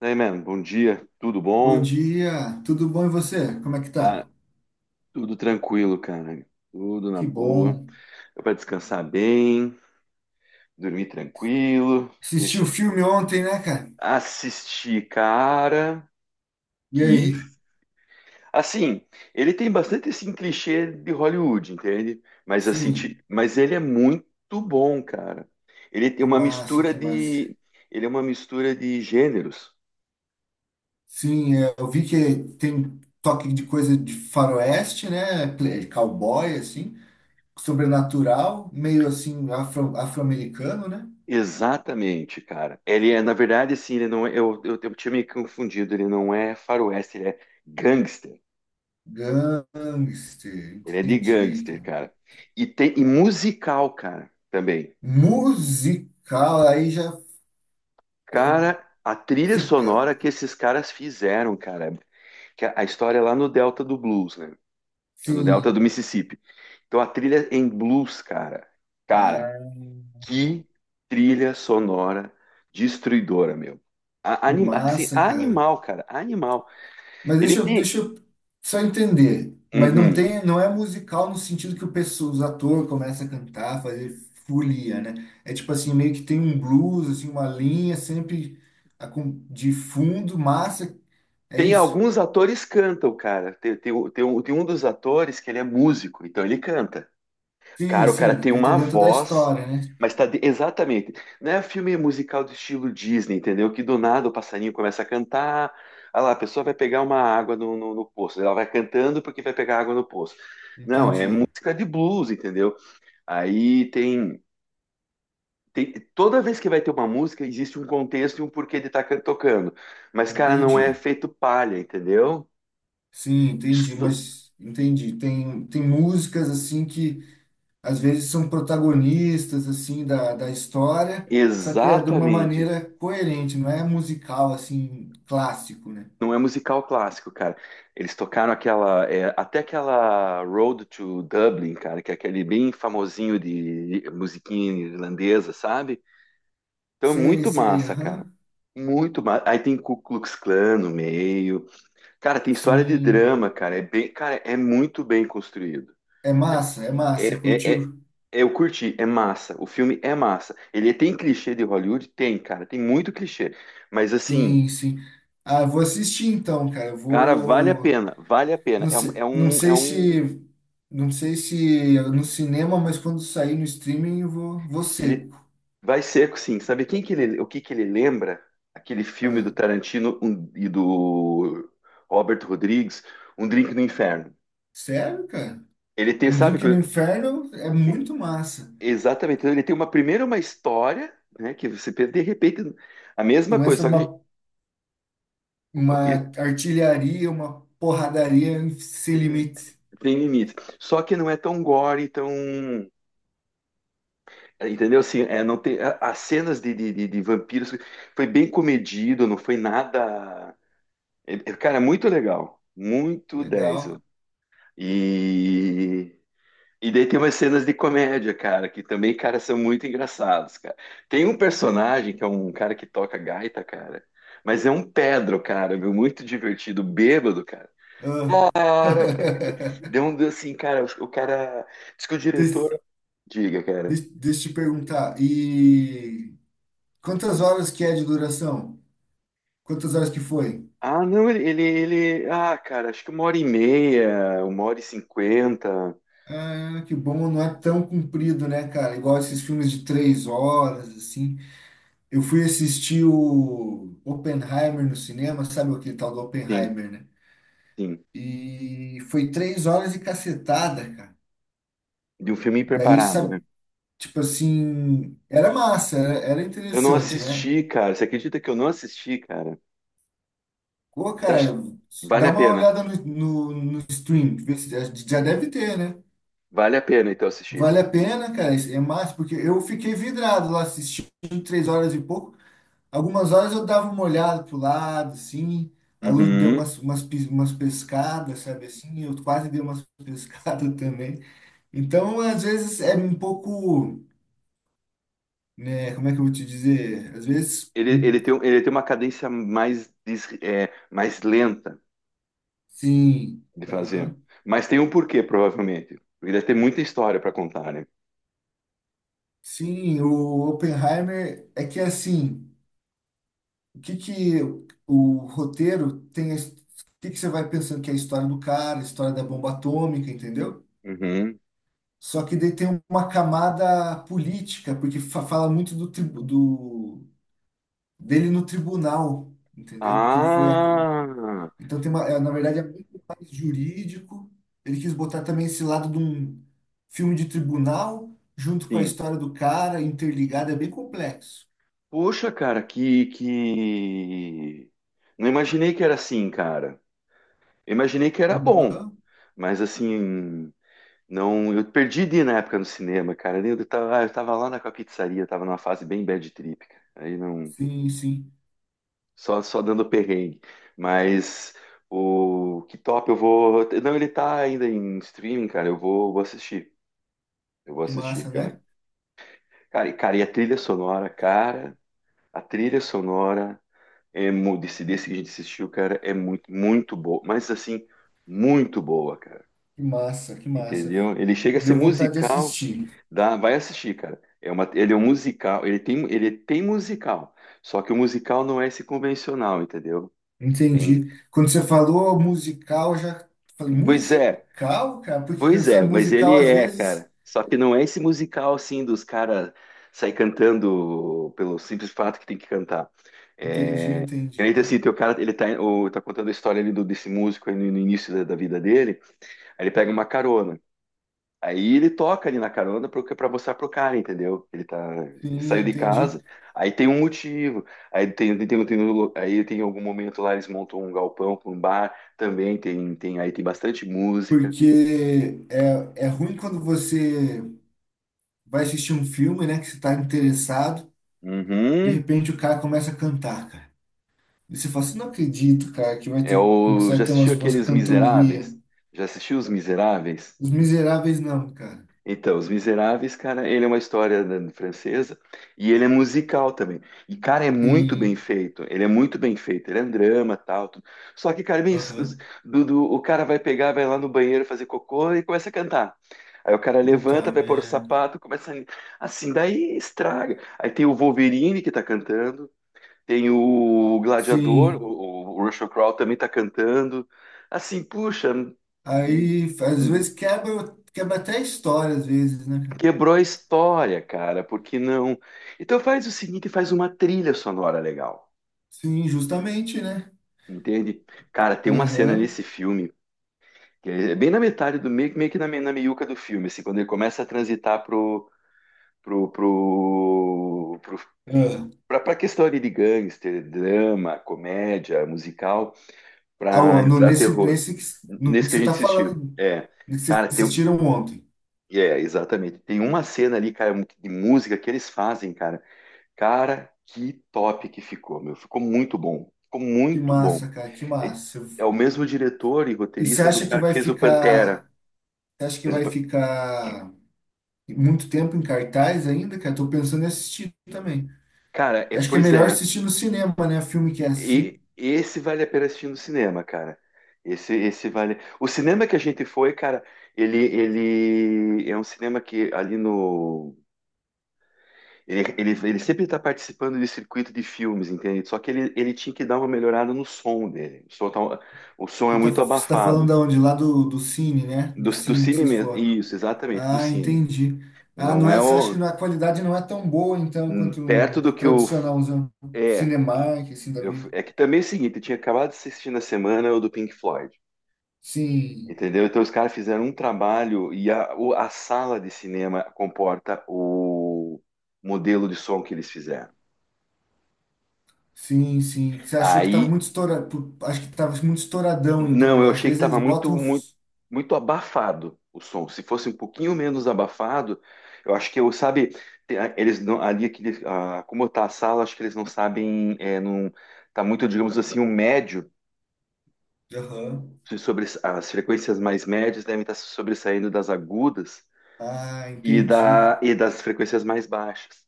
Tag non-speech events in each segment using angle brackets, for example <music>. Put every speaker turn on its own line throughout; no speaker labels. Daí, mano, bom dia, tudo
Bom
bom?
dia, tudo bom e você? Como é que tá?
Cara, tudo tranquilo, cara, tudo na
Que
boa.
bom.
Deu pra descansar bem, dormir tranquilo,
Assistiu o
isso.
filme ontem, né, cara?
Assisti, cara,
E
que...
aí?
Assim, ele tem bastante esse clichê de Hollywood, entende? Mas, assim,
Sim,
mas ele é muito bom, cara. Ele tem
que
uma
massa,
mistura
que massa.
de... Ele é uma mistura de gêneros.
Sim, é, eu vi que tem toque de coisa de faroeste, né? Cowboy, assim, sobrenatural, meio assim afro, afro-americano, né?
Exatamente, cara. Ele é, na verdade, assim, ele não é. Eu tinha me confundido, ele não é faroeste, ele é gangster.
Gangster,
Ele é de
entendi,
gangster,
cara.
cara. E tem e musical, cara, também.
Musical, aí já
Cara, a trilha
fica,
sonora que esses caras fizeram, cara, que a história é lá no Delta do Blues, né? É no Delta do
sim.
Mississippi. Então a trilha em blues, cara. Cara,
Ah,
que trilha sonora destruidora, meu.
que
Assim,
massa, cara.
animal, cara, animal.
Mas
Ele
deixa eu,
tem,
deixa eu só entender. Mas não
uhum.
tem, não é musical no sentido que o pessoal, os atores começam a cantar, fazer folia, né? É tipo assim, meio que tem um blues, assim, uma linha sempre de fundo, massa. É
Tem
isso?
alguns atores que cantam, cara. Tem um dos atores que ele é músico, então ele canta.
Sim,
Cara, o cara
sim,
tem
deita
uma
dentro da
voz,
história, né?
mas exatamente. Não é filme musical do estilo Disney, entendeu? Que do nada o passarinho começa a cantar. Ah lá, a pessoa vai pegar uma água no poço. Ela vai cantando porque vai pegar água no poço. Não, é
Entendi,
música de blues, entendeu? Aí tem. Tem, toda vez que vai ter uma música, existe um contexto e um porquê de estar tocando. Mas, cara, não é
entendi.
feito palha, entendeu?
Sim, entendi,
Isso-
mas entendi. Tem músicas assim que às vezes são protagonistas assim da história, só que é de uma
Exatamente.
maneira coerente, não é musical assim clássico, né?
Não é musical clássico, cara. Eles tocaram aquela, é, até aquela Road to Dublin, cara, que é aquele bem famosinho de musiquinha irlandesa, sabe? Então é
Sei,
muito
sei,
massa, cara.
aham.
Muito massa. Aí tem Ku Klux Klan no meio. Cara, tem história de
Sim,
drama, cara. É bem, cara, é muito bem construído.
é
É,
massa,
é, é-
curtiu?
eu curti, é massa. O filme é massa. Ele tem clichê de Hollywood? Tem, cara. Tem muito clichê. Mas assim.
Sim, sim. Ah, vou assistir então, cara. Eu
Cara, vale a
vou
pena, vale a pena.
não sei, não sei se não sei se é no cinema, mas quando sair no streaming eu vou vou
Ele
seco.
vai seco, sim. Sabe quem que ele, o que que ele lembra? Aquele filme do
Ah,
Tarantino e do Robert Rodrigues, Um Drink no Inferno.
sério, cara?
Ele tem,
Um
sabe,
Drink no Inferno é muito massa.
exatamente. Então, ele tem uma primeira uma história, né, que você pensa, de repente a mesma coisa,
Começa
só que,
uma
o que-
Uma artilharia, uma porradaria sem limites.
tem limite. Só que não é tão gore, tão, entendeu? Assim, é, não tem a- as cenas de, de vampiros foi bem comedido, não foi nada. Cara, é muito legal. Muito 10 ó.
Legal.
E. E daí tem umas cenas de comédia, cara, que também, cara, são muito engraçados, cara. Tem um personagem que é um cara que toca gaita, cara, mas é um Pedro, cara, meu, muito divertido, bêbado, cara.
Ah.
Cara, cara, cara.
<laughs>
Deu um assim, cara, o cara, diz que o
Des-
diretor, diga, cara.
Deixa eu te perguntar. E quantas horas que é de duração? Quantas horas que foi?
Ah, não, cara, acho que uma hora e meia, uma hora e cinquenta,
Ah, que bom, não é tão comprido, né, cara? Igual esses filmes de 3 horas, assim. Eu fui assistir o Oppenheimer no cinema, sabe aquele tal do
sim,
Oppenheimer, né?
sim,
E foi 3 horas e cacetada, cara.
de um filme
Daí,
preparado, né?
sabe, tipo assim, era massa, era, era
Eu não
interessante, né?
assisti, cara. Você acredita que eu não assisti, cara?
Pô,
Você
cara,
acha que vale
dá
a
uma
pena?
olhada no stream, vê se já, já deve ter, né?
Vale a pena, então, assistir.
Vale a pena, cara, é massa, porque eu fiquei vidrado lá assistindo 3 horas e pouco. Algumas horas eu dava uma olhada pro lado, assim, a luz deu
Uhum.
umas pescadas, sabe assim? Eu quase dei umas <laughs> pescadas também. Então, às vezes é um pouco, né, como é que eu vou te dizer? Às vezes,
Ele, ele tem, ele tem uma cadência mais, mais lenta
sim.
de fazer. Mas tem um porquê, provavelmente. Porque deve ter muita história para contar, né?
Sim, o Oppenheimer é que assim, o que que o roteiro tem, o que que você vai pensando que é a história do cara, a história da bomba atômica, entendeu?
Uhum.
Só que daí tem uma camada política, porque fala muito do, do dele no tribunal, entendeu? Porque ele foi
Ah,
então tem uma, é, na verdade é muito mais jurídico. Ele quis botar também esse lado de um filme de tribunal junto com a
sim.
história do cara interligada, é bem complexo.
Poxa, cara, não imaginei que era assim, cara. Eu imaginei que era bom, mas assim... Não, eu perdi de ir na época no cinema, cara. Eu tava lá na com a pizzaria, tava numa fase bem bad trip, cara. Aí não,
Sim, sim.
só dando perrengue. Mas o que top eu vou, não, ele tá ainda em streaming, cara. Eu vou assistir. Eu vou
Que
assistir,
massa,
cara.
né?
Cara, e, cara, e a trilha sonora, cara, a trilha sonora desse desse que a gente assistiu, cara, é muito boa, mas assim, muito boa, cara.
Que massa, que massa.
Entendeu? Ele chega a ser
Deu vontade de
musical.
assistir.
Dá, vai assistir, cara. É uma, ele é um musical, ele tem musical, só que o musical não é esse convencional, entendeu? Tem-
Entendi. Quando você falou musical, eu já falei,
Pois é,
musical, cara? Porque
pois
essa
é, mas
musical
ele
às
é,
vezes.
cara. Só que não é esse musical assim dos caras sair cantando pelo simples fato que tem que cantar.
Entendi,
É,
entendi.
é assim, tem o cara, tá contando a história ali desse músico aí no início da vida dele, aí ele pega uma carona. Aí ele toca ali na carona pra, mostrar pro cara, entendeu? Ele tá, ele
Sim,
saiu de
entendi.
casa, aí tem um motivo, aí tem um aí tem algum momento lá eles montam um galpão com um bar, também tem, aí tem bastante música.
Porque é, é ruim quando você vai assistir um filme, né? Que você tá interessado, de
Uhum.
repente o cara começa a cantar, cara. E você fala assim, não acredito, cara, que vai
É
ter,
o,
começar
já
a ter
assistiu
umas
aqueles
cantorias.
Miseráveis? Já assistiu Os Miseráveis?
Os Miseráveis não, cara.
Então, Os Miseráveis, cara, ele é uma história né, francesa e ele é musical também. E, cara, é muito bem
Sim.
feito. Ele é muito bem feito. Ele é um drama, tal. Tudo. Só que, cara, é bem es- os-
Aham.
do, do- o cara vai pegar, vai lá no banheiro fazer cocô e começa a cantar. Aí o cara levanta,
Puta
vai pôr o
merda.
sapato, começa a... assim, daí estraga. Aí tem o Wolverine que tá cantando, tem o Gladiador,
Sim.
o Russell Crowe também tá cantando. Assim, puxa,
Aí, às vezes, quebra, quebra até a história, às vezes, né, cara?
quebrou a história, cara, porque não. Então faz o seguinte, faz uma trilha sonora legal,
Sim, justamente, né?
entende? Cara, tem uma cena
Aham.
nesse filme, que é bem na metade do meio, meio que na, na meiuca do filme, assim, quando ele começa a transitar pro, pro, pro,
Ah.
pra questão ali de gangster, drama, comédia, musical,
Ah,
pra
ó,
entrar terror.
no que
Nesse que a
você
gente
tá
assistiu.
falando,
É,
no que vocês
cara, tem.
assistiram ontem.
É, exatamente. Tem uma cena ali, cara, de música que eles fazem, cara. Cara, que top que ficou, meu. Ficou muito bom. Ficou
Que
muito bom.
massa, cara, que
É,
massa. Eu-
é o mesmo diretor e
e você
roteirista do
acha que
cara que
vai
fez o
ficar,
Pantera.
você acha que
Fez o
vai
Pan-
ficar muito tempo em cartaz ainda, cara? Tô pensando em assistir também.
Cara, é,
Acho que é
pois
melhor
é.
assistir no cinema, né? Filme que é assim.
E esse vale a pena assistir no cinema, cara. Esse vale. O cinema que a gente foi, cara, ele é um cinema que ali no. Ele sempre está participando de circuito de filmes, entende? Só que ele tinha que dar uma melhorada no som dele. O som é
Você tá,
muito
você tá falando
abafado.
da onde? Lá do Cine, né?
Do,
Do
do
Cine que
Cine
vocês
mesmo.
foram.
Isso, exatamente, do
Ah,
Cine.
entendi. Ah, não
Não é
é, você acha que
o.
não- a qualidade não é tão boa, então, quanto
Perto
um
do que o.
tradicional, um
É.
Cinemark, assim, da vida.
É que também é o seguinte, eu tinha acabado de assistir na semana o do Pink Floyd.
Sim,
Entendeu? Então os caras fizeram um trabalho e a sala de cinema comporta o modelo de som que eles fizeram.
sim, sim. Você achou que tava
Aí
muito estourado, acho que tava muito estouradão, então,
não,
né?
eu
Às
achei que
vezes eles
estava
botam... f-
muito abafado o som. Se fosse um pouquinho menos abafado, eu acho que eu, sabe, eles não, ali é que ah, como tá a sala, acho que eles não sabem, é, não tá muito, digamos assim, o médio
aham.
se sobre as frequências mais médias devem estar se sobressaindo das agudas
Ah,
e,
entendi,
e das frequências mais baixas.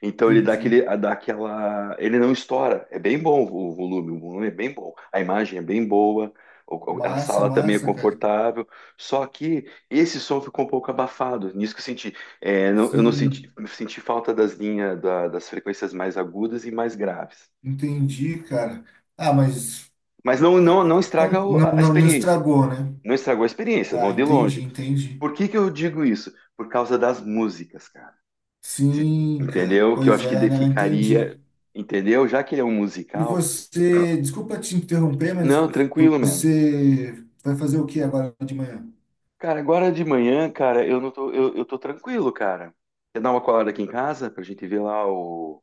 Então ele dá
entendi.
aquele, dá aquela, ele não estoura. É bem bom o volume é bem bom, a imagem é bem boa, a
Massa,
sala também é
massa, cara.
confortável. Só que esse som ficou um pouco abafado. Nisso que eu senti, eu não senti,
Sim,
senti falta das frequências mais agudas e mais graves.
entendi, cara. Ah, mas
Mas não
como-
estraga
não,
a
não, não
experiência.
estragou, né?
Não estragou a experiência, não
Tá,
de
entendi,
longe.
entendi.
Por que que eu digo isso? Por causa das músicas, cara. Se-
Sim, cara.
Entendeu? Que eu
Pois
acho que
é, né? Eu entendi.
ficaria. Entendeu? Já que ele é um
E
musical.
você, desculpa te interromper, mas
Não, tranquilo, mano.
você vai fazer o que agora de manhã?
Cara, agora de manhã, cara, eu não tô. Eu tô tranquilo, cara. Quer dar uma colada aqui em casa pra gente ver lá o.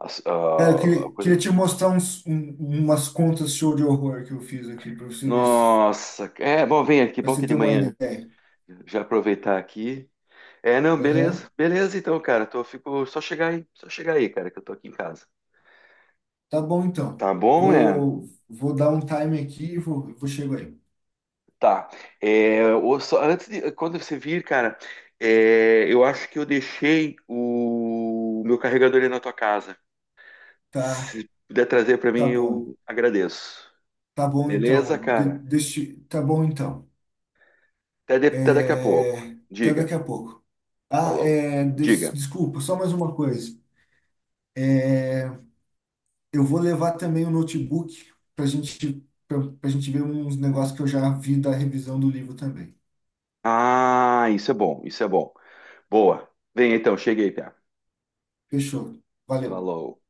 Cara, eu
A
queria, queria
coisa-
te mostrar umas contas show de horror que eu fiz aqui para você ver,
Nossa, é bom, vem aqui,
pra
bom
você
que
ter
de
uma
manhã.
ideia.
Já aproveitar aqui. É, não,
Aham.
beleza, beleza então, cara. Tô, fico, só chegar aí, cara, que eu tô aqui em casa.
Tá bom, então.
Tá bom, né?
Vou, vou dar um time aqui e vou, vou chegar aí.
Tá. É, só antes de, quando você vir, cara, é, eu acho que eu deixei o meu carregador aí na tua casa.
Tá,
Se puder trazer para mim,
tá bom.
eu agradeço.
Tá bom, então.
Beleza, cara?
Tá bom, então.
Até, até daqui a pouco.
É, até daqui
Diga.
a pouco. Ah,
Falou.
é,
Diga.
desculpa, só mais uma coisa. É, eu vou levar também o notebook para gente, para a gente ver uns negócios que eu já vi da revisão do livro também.
Ah, isso é bom, isso é bom. Boa. Vem então, cheguei, Pia.
Fechou. Valeu.
Falou.